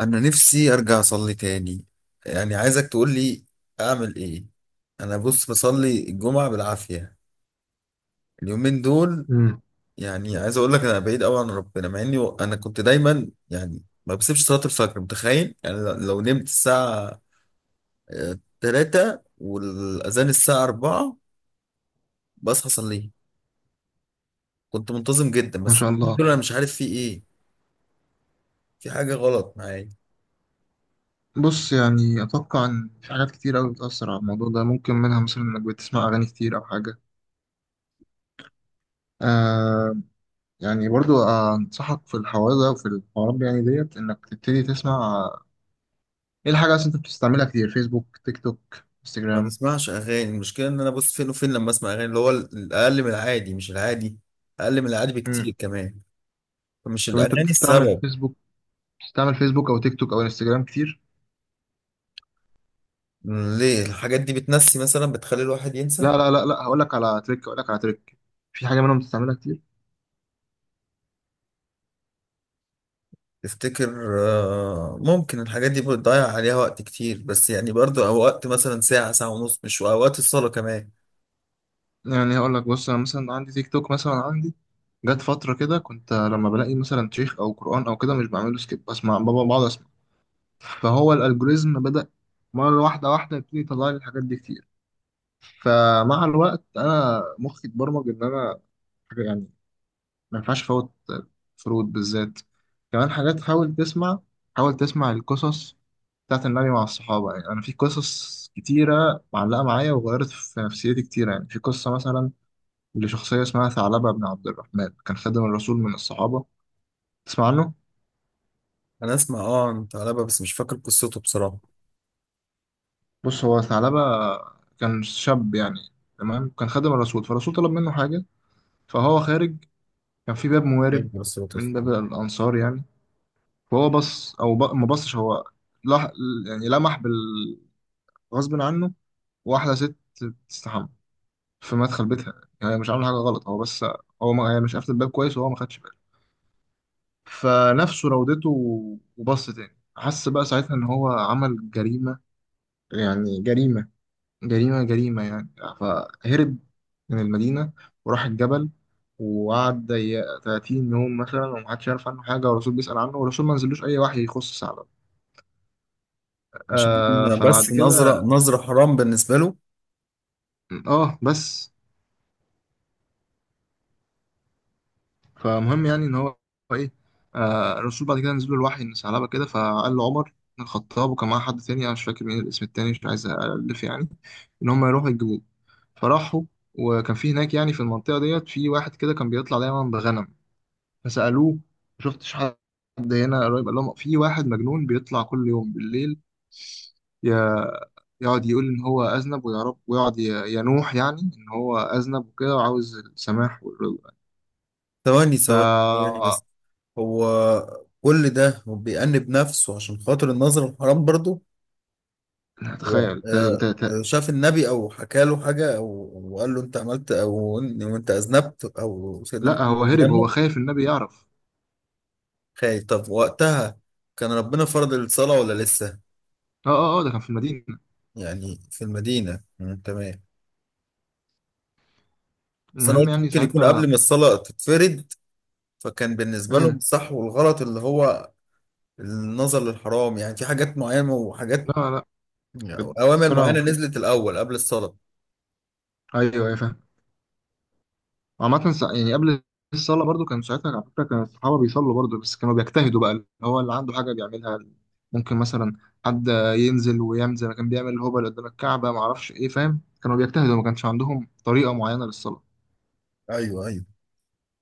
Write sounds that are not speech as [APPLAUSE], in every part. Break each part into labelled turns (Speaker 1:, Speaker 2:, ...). Speaker 1: انا نفسي ارجع اصلي تاني. يعني عايزك تقول لي اعمل ايه. انا بص بصلي الجمعة بالعافية اليومين دول.
Speaker 2: مم.
Speaker 1: يعني عايز اقول لك انا بعيد قوي عن ربنا مع اني انا كنت دايما، يعني ما بسيبش صلاة الفجر. متخيل يعني لو نمت الساعة 3 والاذان الساعة 4 بصحى اصليه. كنت منتظم جدا،
Speaker 2: ما
Speaker 1: بس
Speaker 2: شاء
Speaker 1: اليومين
Speaker 2: الله.
Speaker 1: دول انا مش عارف في ايه. في حاجة غلط معايا.
Speaker 2: بص، يعني أتوقع إن في حاجات كتير أوي بتأثر على الموضوع ده، ممكن منها مثلا إنك بتسمع أغاني كتير أو حاجة. آه، يعني برضو أنصحك في الحوار ده وفي الحوارات دي، يعني ديت إنك تبتدي تسمع. إيه الحاجة أصلا أنت بتستعملها كتير؟ فيسبوك، تيك توك،
Speaker 1: ما
Speaker 2: انستجرام؟
Speaker 1: بسمعش اغاني. المشكله ان انا بص فين وفين، لما اسمع اغاني اللي هو الاقل من العادي، مش العادي، اقل من العادي بكتير
Speaker 2: مم.
Speaker 1: كمان. فمش
Speaker 2: طب أنت
Speaker 1: الاغاني
Speaker 2: بتستعمل
Speaker 1: السبب.
Speaker 2: فيسبوك؟ بتستعمل فيسبوك أو تيك توك أو انستجرام كتير؟
Speaker 1: ليه الحاجات دي بتنسي مثلا، بتخلي الواحد ينسى؟
Speaker 2: لا، هقول لك على تريك، هقول لك على تريك. في حاجة منهم بتستعملها كتير؟
Speaker 1: تفتكر ممكن الحاجات دي بتضيع عليها وقت كتير، بس يعني برضو اوقات مثلا ساعه، ساعه ونص، مش اوقات الصلاه كمان.
Speaker 2: يعني هقول لك، بص انا مثلا عندي تيك توك. مثلا عندي جت فتره كده، كنت لما بلاقي مثلا شيخ او قران او كده مش بعمله سكيب، بسمع، بابا بقعد اسمع. فهو الالجوريزم بدا مره واحده، واحده يبتدي يطلع لي الحاجات دي كتير. فمع الوقت انا مخي اتبرمج ان انا حاجه يعني ما ينفعش فوت فروض بالذات. كمان حاجات، حاول تسمع، حاول تسمع القصص بتاعت النبي مع الصحابه. يعني انا في قصص كتيره معلقه معايا وغيرت في نفسيتي كتير. يعني في قصه مثلا لشخصية اسمها ثعلبة بن عبد الرحمن، كان خادم الرسول من الصحابة. تسمع عنه؟
Speaker 1: انا اسمع اه انت علبة، بس مش فاكر قصته بصراحه.
Speaker 2: بص، هو ثعلبة كان شاب يعني، تمام؟ كان خادم الرسول، فالرسول طلب منه حاجة، فهو خارج، كان في باب موارب
Speaker 1: إيه قصته؟
Speaker 2: من باب الأنصار يعني. فهو بص أو ما بصش، هو لح... يعني لمح بال غصب عنه واحدة ست تستحمى في مدخل بيتها. يعني هي مش عاملة حاجة غلط، هو بس، هو ما... هي مش قافلة الباب كويس وهو ما خدش باله، فنفسه راودته. وبص تاني، حس بقى ساعتها إن هو عمل جريمة، يعني جريمة، جريمة جريمة يعني. فهرب من المدينة وراح الجبل، وقعد 30 يوم مثلا، ومحدش يعرف عنه حاجة، والرسول بيسأل عنه، والرسول ما نزلوش أي وحي يخص سعد.
Speaker 1: مش دي
Speaker 2: آه، فبعد
Speaker 1: بس، نظره
Speaker 2: كده،
Speaker 1: نظره حرام بالنسبه له.
Speaker 2: اه بس، فمهم يعني ان هو، ايه، آه، الرسول بعد كده نزل له الوحي ان ثعلبه كده. فقال له عمر بن الخطاب، وكان معاه حد تاني انا مش فاكر مين الاسم التاني، مش عايز الف يعني، ان هم يروحوا يجيبوه. فراحوا، وكان في هناك يعني في المنطقه ديت في واحد كده كان بيطلع دايما بغنم. فسألوه ما شفتش حد هنا قريب؟ قال لهم في واحد مجنون بيطلع كل يوم بالليل، ي- يقعد يقول إن هو أذنب ويعرف، ويقعد ينوح يعني إن هو أذنب وكده وعاوز السماح والرضا.
Speaker 1: ثواني
Speaker 2: ف
Speaker 1: ثواني ثواني بس. هو كل ده هو بيأنب نفسه عشان خاطر النظر الحرام برضه؟ هو
Speaker 2: تخيل ت... ت... ت...
Speaker 1: شاف النبي او حكى له حاجه او أو قال له انت عملت او وانت اذنبت او سيدنا
Speaker 2: لا، هو
Speaker 1: محمد
Speaker 2: هرب، هو
Speaker 1: بيامه؟
Speaker 2: خايف النبي يعرف.
Speaker 1: خايف. طب وقتها كان ربنا فرض الصلاه ولا لسه؟
Speaker 2: اه، ده كان في المدينة.
Speaker 1: يعني في المدينه. مم، تمام. بس انا
Speaker 2: المهم
Speaker 1: قلت
Speaker 2: يعني
Speaker 1: ممكن يكون قبل
Speaker 2: ساعتها.
Speaker 1: ما الصلاه تتفرض. فكان بالنسبه لهم
Speaker 2: مم.
Speaker 1: الصح والغلط اللي هو النظر للحرام، يعني في حاجات معينه وحاجات
Speaker 2: لا لا،
Speaker 1: اوامر
Speaker 2: الصلاة
Speaker 1: معينه
Speaker 2: المفروض.
Speaker 1: نزلت الاول قبل الصلاه.
Speaker 2: أيوه، أيوة، فاهم. عامة يعني قبل الصلاة برضو كان ساعتها، على فكرة، كان الصحابة بيصلوا برضو، بس كانوا بيجتهدوا بقى. اللي هو اللي عنده حاجة بيعملها، ممكن مثلا حد ينزل ويعمل زي ما كان بيعمل الهبل قدام الكعبة ما اعرفش ايه، فاهم؟ كانوا بيجتهدوا، ما كانش عندهم طريقة معينة للصلاة.
Speaker 1: ايوه ايوه.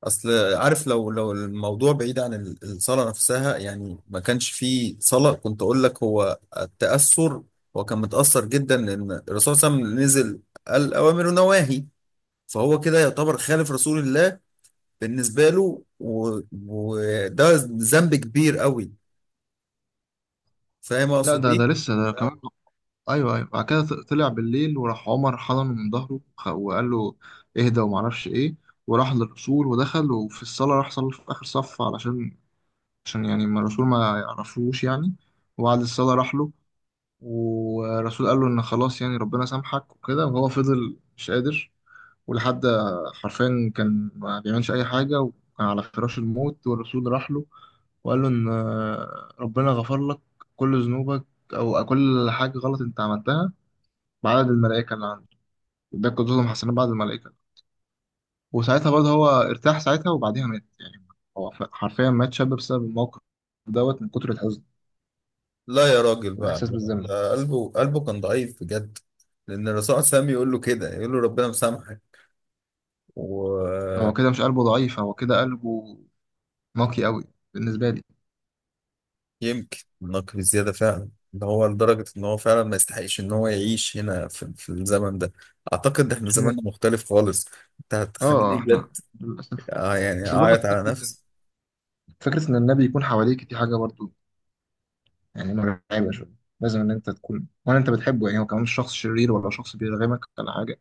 Speaker 1: اصل عارف، لو الموضوع بعيد عن الصلاه نفسها، يعني ما كانش فيه صلاه، كنت اقول لك هو التاثر. هو كان متاثر جدا، لان الرسول صلى الله عليه وسلم نزل، قال اوامر ونواهي، فهو كده يعتبر خالف رسول الله بالنسبه له. وده ذنب كبير قوي. فاهم
Speaker 2: لا
Speaker 1: اقصد
Speaker 2: ده ده
Speaker 1: ايه؟
Speaker 2: لسه ده كمان. ايوه ايوه، بعد كده طلع بالليل، وراح عمر حضنه من ظهره وقال له اهدى وما اعرفش ايه. وراح للرسول ودخل، وفي الصلاة راح صلى في آخر صف علشان، عشان يعني ما الرسول ما يعرفوش يعني. وبعد الصلاة راح له، والرسول قال له ان خلاص يعني ربنا سامحك وكده، وهو فضل مش قادر. ولحد، حرفيا كان ما بيعملش اي حاجه، وكان على فراش الموت، والرسول راح له وقال له ان ربنا غفر لك كل ذنوبك، او كل حاجه غلط انت عملتها، بعدد الملائكه اللي عنده، وده كلهم حسنات بعد الملائكه. وساعتها برضه هو ارتاح ساعتها، وبعديها مات يعني. هو حرفيا مات شاب بسبب الموقف دوت، من كتر الحزن
Speaker 1: لا يا راجل بقى.
Speaker 2: والإحساس بالذنب.
Speaker 1: ده قلبه كان ضعيف بجد. لان الرسول صلى الله عليه وسلم يقول له كده، يقول له ربنا مسامحك.
Speaker 2: هو
Speaker 1: ويمكن
Speaker 2: كده مش قلبه ضعيف، هو كده قلبه واقعي قوي بالنسبه لي.
Speaker 1: نقل زيادة فعلا، ان هو لدرجة ان هو فعلا ما يستحقش ان هو يعيش هنا في الزمن ده. اعتقد احنا
Speaker 2: مش م...
Speaker 1: زماننا مختلف خالص. انت هتخليني
Speaker 2: اه،
Speaker 1: بجد
Speaker 2: احنا للاسف.
Speaker 1: يعني
Speaker 2: بس برضه
Speaker 1: اعيط على نفسي.
Speaker 2: فكره ان النبي يكون حواليك دي حاجه برضه يعني مرعبه شويه، لازم ان انت تكون، ولا انت بتحبه يعني، هو كمان مش شخص شرير ولا شخص بيرغمك ولا حاجه،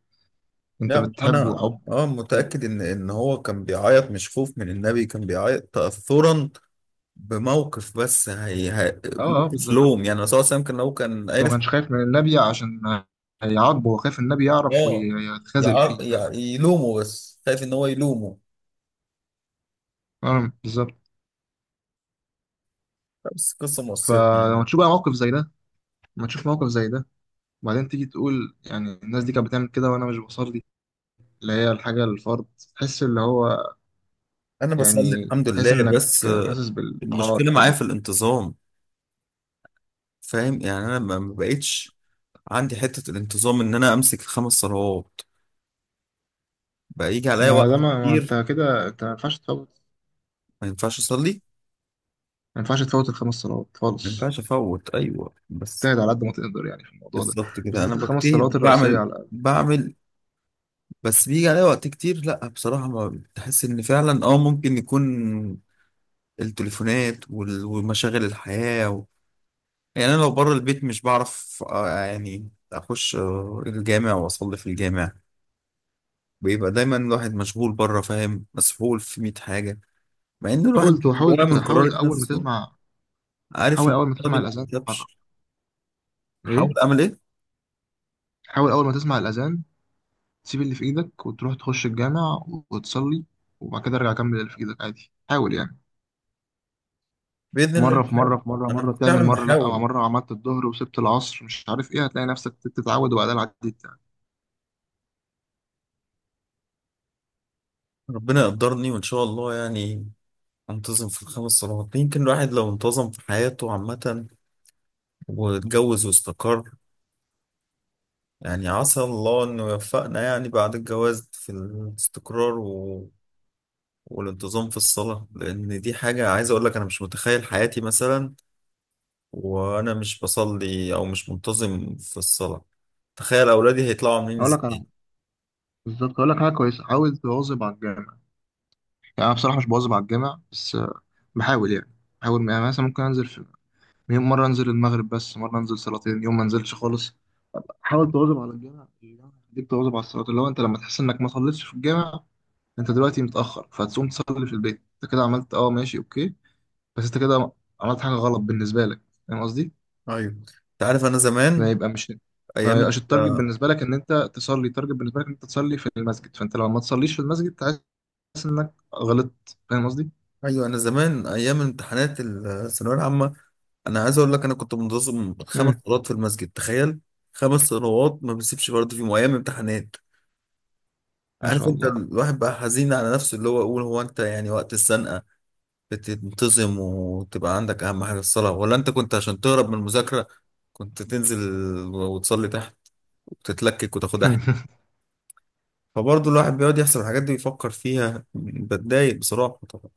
Speaker 2: انت
Speaker 1: لا ما هو
Speaker 2: بتحبه
Speaker 1: انا
Speaker 2: حب
Speaker 1: اه
Speaker 2: شديد.
Speaker 1: متأكد ان ان هو كان بيعيط مش خوف من النبي، كان بيعيط تأثرا بموقف، بس هي
Speaker 2: اه،
Speaker 1: موقف
Speaker 2: بالظبط،
Speaker 1: لوم، يعني الرسول صلى الله عليه وسلم كان لو كان
Speaker 2: هو ما
Speaker 1: عرف
Speaker 2: كانش خايف من النبي عشان هيعاقبه، هو خايف النبي يعرف
Speaker 1: اه
Speaker 2: ويتخاذل فيه، فاهم؟
Speaker 1: يلومه، بس خايف ان هو يلومه.
Speaker 2: آه، بالظبط.
Speaker 1: بس قصة مؤثرة.
Speaker 2: فلما تشوف بقى موقف زي ده، لما تشوف موقف زي ده، وبعدين تيجي تقول يعني الناس دي كانت بتعمل كده وانا مش بصلي، اللي هي الحاجه الفرض، تحس اللي هو،
Speaker 1: انا بصلي
Speaker 2: يعني
Speaker 1: الحمد
Speaker 2: تحس
Speaker 1: لله،
Speaker 2: انك
Speaker 1: بس
Speaker 2: حاسس بالعار
Speaker 1: المشكله معايا
Speaker 2: كده.
Speaker 1: في الانتظام. فاهم يعني انا ما ما بقتش عندي حته الانتظام ان انا امسك الخمس صلوات. بقى يجي عليا
Speaker 2: ما ده
Speaker 1: وقت
Speaker 2: ما
Speaker 1: كتير
Speaker 2: انت كده انت ما ينفعش تفوت،
Speaker 1: ما ينفعش اصلي،
Speaker 2: ما ينفعش تفوت الخمس صلوات
Speaker 1: ما
Speaker 2: خالص.
Speaker 1: ينفعش افوت. ايوه بس
Speaker 2: تبتعد على قد ما تقدر يعني في الموضوع ده،
Speaker 1: بالظبط كده. انا
Speaker 2: بالذات الخمس صلوات
Speaker 1: بجتهد
Speaker 2: الرئيسية
Speaker 1: بعمل
Speaker 2: على الأقل.
Speaker 1: بعمل بس بيجي عليا وقت كتير. لا بصراحه ما بتحس ان فعلا اه ممكن يكون التليفونات ومشاغل الحياه. يعني انا لو بره البيت مش بعرف يعني اخش الجامع واصلي في الجامع. بيبقى دايما الواحد مشغول بره، فاهم، مسحول في 100 حاجه، مع ان الواحد
Speaker 2: حاول
Speaker 1: جواه
Speaker 2: حاول
Speaker 1: من
Speaker 2: حاول
Speaker 1: قرارة
Speaker 2: أول ما
Speaker 1: نفسه
Speaker 2: تسمع،
Speaker 1: عارف
Speaker 2: حاول
Speaker 1: ان
Speaker 2: أول ما
Speaker 1: القرار
Speaker 2: تسمع
Speaker 1: دي ما
Speaker 2: الأذان تتحرك.
Speaker 1: بتكتبش. بحاول
Speaker 2: إيه،
Speaker 1: اعمل ايه؟
Speaker 2: حاول أول ما تسمع الأذان تسيب اللي في إيدك وتروح تخش الجامع وتصلي، وبعد كده ارجع كمل اللي في إيدك عادي. حاول يعني،
Speaker 1: باذن الله
Speaker 2: مرة في مرة
Speaker 1: بحاول.
Speaker 2: في مرة مرة
Speaker 1: انا
Speaker 2: تعمل،
Speaker 1: فعلا
Speaker 2: مرة لأ،
Speaker 1: بحاول.
Speaker 2: مرة عملت الظهر وسبت العصر مش عارف إيه، هتلاقي نفسك بتتعود وبعدين عديت يعني.
Speaker 1: ربنا يقدرني وان شاء الله، يعني انتظم في الخمس صلوات. يمكن الواحد لو انتظم في حياته عامه، واتجوز واستقر، يعني عسى الله انه يوفقنا يعني بعد الجواز في الاستقرار والانتظام في الصلاة. لأن دي حاجة عايز أقول لك، أنا مش متخيل حياتي مثلا وأنا مش بصلي أو مش منتظم في الصلاة. تخيل أولادي هيطلعوا عاملين
Speaker 2: هقول لك على،
Speaker 1: إزاي.
Speaker 2: بالظبط، اقول لك حاجه كويسه، حاول تواظب على الجامع. يعني انا بصراحه مش بواظب على الجامع بس بحاول يعني، بحاول يعني. مثلا ممكن انزل في يوم مره انزل المغرب بس، مره انزل صلاتين، يوم ما انزلش خالص. حاول تواظب على الجامع، الجامع يخليك تواظب على الصلاه. اللي هو انت لما تحس انك ما صليتش في الجامع، انت دلوقتي متاخر، فهتقوم تصلي في البيت، انت كده عملت، اه ماشي اوكي، بس انت كده عملت حاجه غلط بالنسبه لك، فاهم قصدي؟
Speaker 1: ايوه أنت عارف أنا زمان
Speaker 2: ما يبقى مش ما
Speaker 1: أيام
Speaker 2: يبقاش التارجت
Speaker 1: ال-
Speaker 2: بالنسبه لك ان انت تصلي، التارجت بالنسبه لك ان انت تصلي في المسجد، فانت لما ما تصليش في المسجد تعيش غلطت، فاهم قصدي؟
Speaker 1: أيوه أنا زمان أيام امتحانات الثانوية العامة أنا عايز أقول لك أنا كنت منتظم خمس
Speaker 2: مم.
Speaker 1: صلوات في المسجد. تخيل، خمس صلوات ما بسيبش برضه فيهم أيام امتحانات.
Speaker 2: ما
Speaker 1: عارف
Speaker 2: شاء
Speaker 1: أنت
Speaker 2: الله.
Speaker 1: الواحد بقى حزين على نفسه، اللي هو يقول هو أنت يعني وقت السنة بتنتظم وتبقى عندك أهم حاجة الصلاة، ولا أنت كنت عشان تهرب من المذاكرة كنت تنزل وتصلي تحت وتتلكك وتاخدها حلو؟
Speaker 2: [LAUGHS]
Speaker 1: فبرضه الواحد بيقعد يحسب الحاجات دي ويفكر فيها، بتضايق بصراحة طبعا.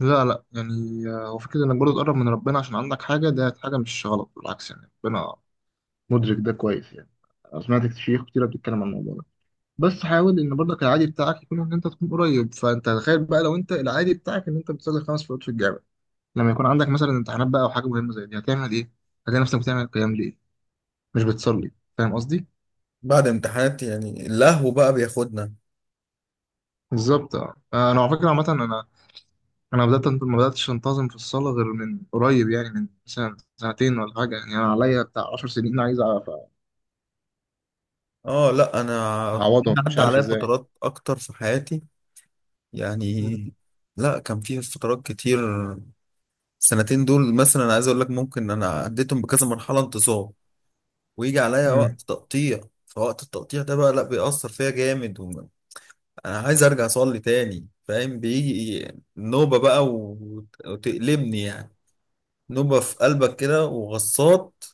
Speaker 2: لا لا، يعني، آه، هو فكرة انك برضه تقرب من ربنا عشان عندك حاجة، ده حاجة مش غلط، بالعكس يعني، ربنا مدرك ده كويس يعني. أنا سمعت شيوخ كتيرة بتتكلم عن الموضوع ده، بس حاول ان برضك العادي بتاعك يكون ان انت تكون قريب. فانت تخيل بقى لو انت العادي بتاعك ان انت بتصلي خمس فروض في الجامع، لما يكون عندك مثلا امتحانات بقى او حاجة مهمة زي دي هتعمل ايه؟ هتلاقي نفسك بتعمل القيام ليه؟ مش بتصلي، فاهم قصدي؟
Speaker 1: بعد امتحانات يعني اللهو بقى بياخدنا.
Speaker 2: بالظبط، اه، آه، انا على فكرة عامة، انا ما بداتش انتظم في الصلاه غير من قريب يعني، من سنه سنتين ولا حاجه يعني، انا عليا بتاع 10 سنين عايز
Speaker 1: اه لا انا
Speaker 2: اعوضهم مش
Speaker 1: عدى
Speaker 2: عارف
Speaker 1: عليا
Speaker 2: ازاي.
Speaker 1: فترات اكتر في حياتي
Speaker 2: مم.
Speaker 1: يعني. لا كان في فترات كتير. السنتين دول مثلا أنا عايز اقول لك ممكن انا عديتهم بكذا مرحلة انتصاب ويجي عليا
Speaker 2: مم.
Speaker 1: وقت تقطيع. فوقت التقطيع ده بقى لا بيأثر فيا جامد انا عايز ارجع اصلي تاني، فاهم، بيجي نوبة بقى وتقلبني، يعني نوبة في قلبك كده وغصات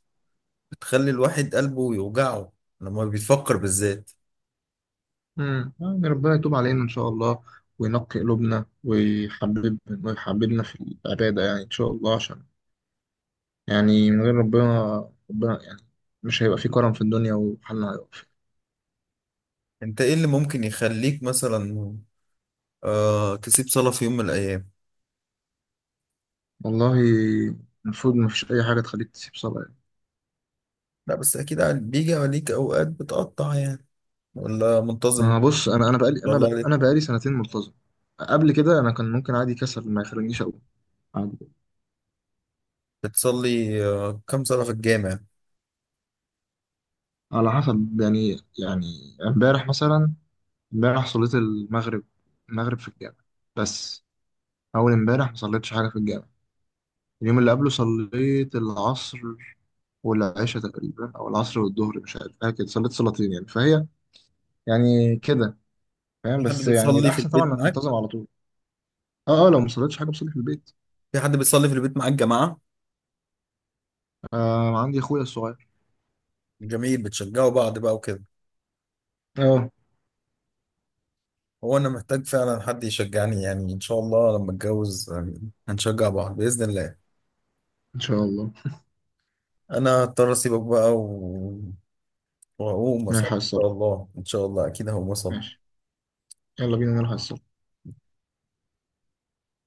Speaker 1: بتخلي الواحد قلبه يوجعه لما بيفكر بالذات.
Speaker 2: يعني ربنا يتوب علينا ان شاء الله، وينقي قلوبنا، ويحببنا في العباده يعني ان شاء الله، عشان يعني من غير ربنا، ربنا يعني، مش هيبقى في كرم في الدنيا وحالنا هيقف.
Speaker 1: انت ايه اللي ممكن يخليك مثلا آه تسيب صلاة في يوم من الايام؟
Speaker 2: والله المفروض ما فيش اي حاجه تخليك تسيب صلاه.
Speaker 1: لا بس اكيد عاد بيجي عليك اوقات بتقطع يعني، ولا منتظم؟
Speaker 2: ما
Speaker 1: [LAUGHS]
Speaker 2: بص،
Speaker 1: ما
Speaker 2: انا
Speaker 1: شاء الله عليك.
Speaker 2: انا بقالي سنتين ملتزم، قبل كده انا كان ممكن عادي كسل ما يخلينيش اقوم عادي.
Speaker 1: بتصلي آه كم صلاة في الجامع؟
Speaker 2: على حسب يعني، يعني امبارح مثلا، امبارح صليت المغرب، المغرب في الجامع بس. اول امبارح ما صليتش حاجه في الجامع. اليوم اللي قبله صليت العصر والعشاء تقريبا، او العصر والظهر مش عارف حاجه كده، صليت صلاتين يعني، فهي يعني كده، فاهم؟
Speaker 1: في حد
Speaker 2: بس يعني
Speaker 1: بيصلي في
Speaker 2: الاحسن طبعا
Speaker 1: البيت
Speaker 2: انك
Speaker 1: معاك؟
Speaker 2: تنتظم على طول. اه، لو ما صليتش حاجه بصلي في البيت.
Speaker 1: في حد بيصلي في البيت معاك جماعة؟
Speaker 2: آه، عندي اخويا الصغير.
Speaker 1: جميل، بتشجعوا بعض بقى وكده.
Speaker 2: اه.
Speaker 1: هو انا محتاج فعلا حد يشجعني، يعني ان شاء الله لما اتجوز هنشجع بعض بإذن الله.
Speaker 2: ان شاء الله.
Speaker 1: انا هضطر اسيبك بقى و... واقوم اصلي ان
Speaker 2: نلحق
Speaker 1: شاء
Speaker 2: الصلاة،
Speaker 1: الله. ان شاء الله اكيد هقوم اصلي.
Speaker 2: ماشي، يلا بينا نلحق الصلاة.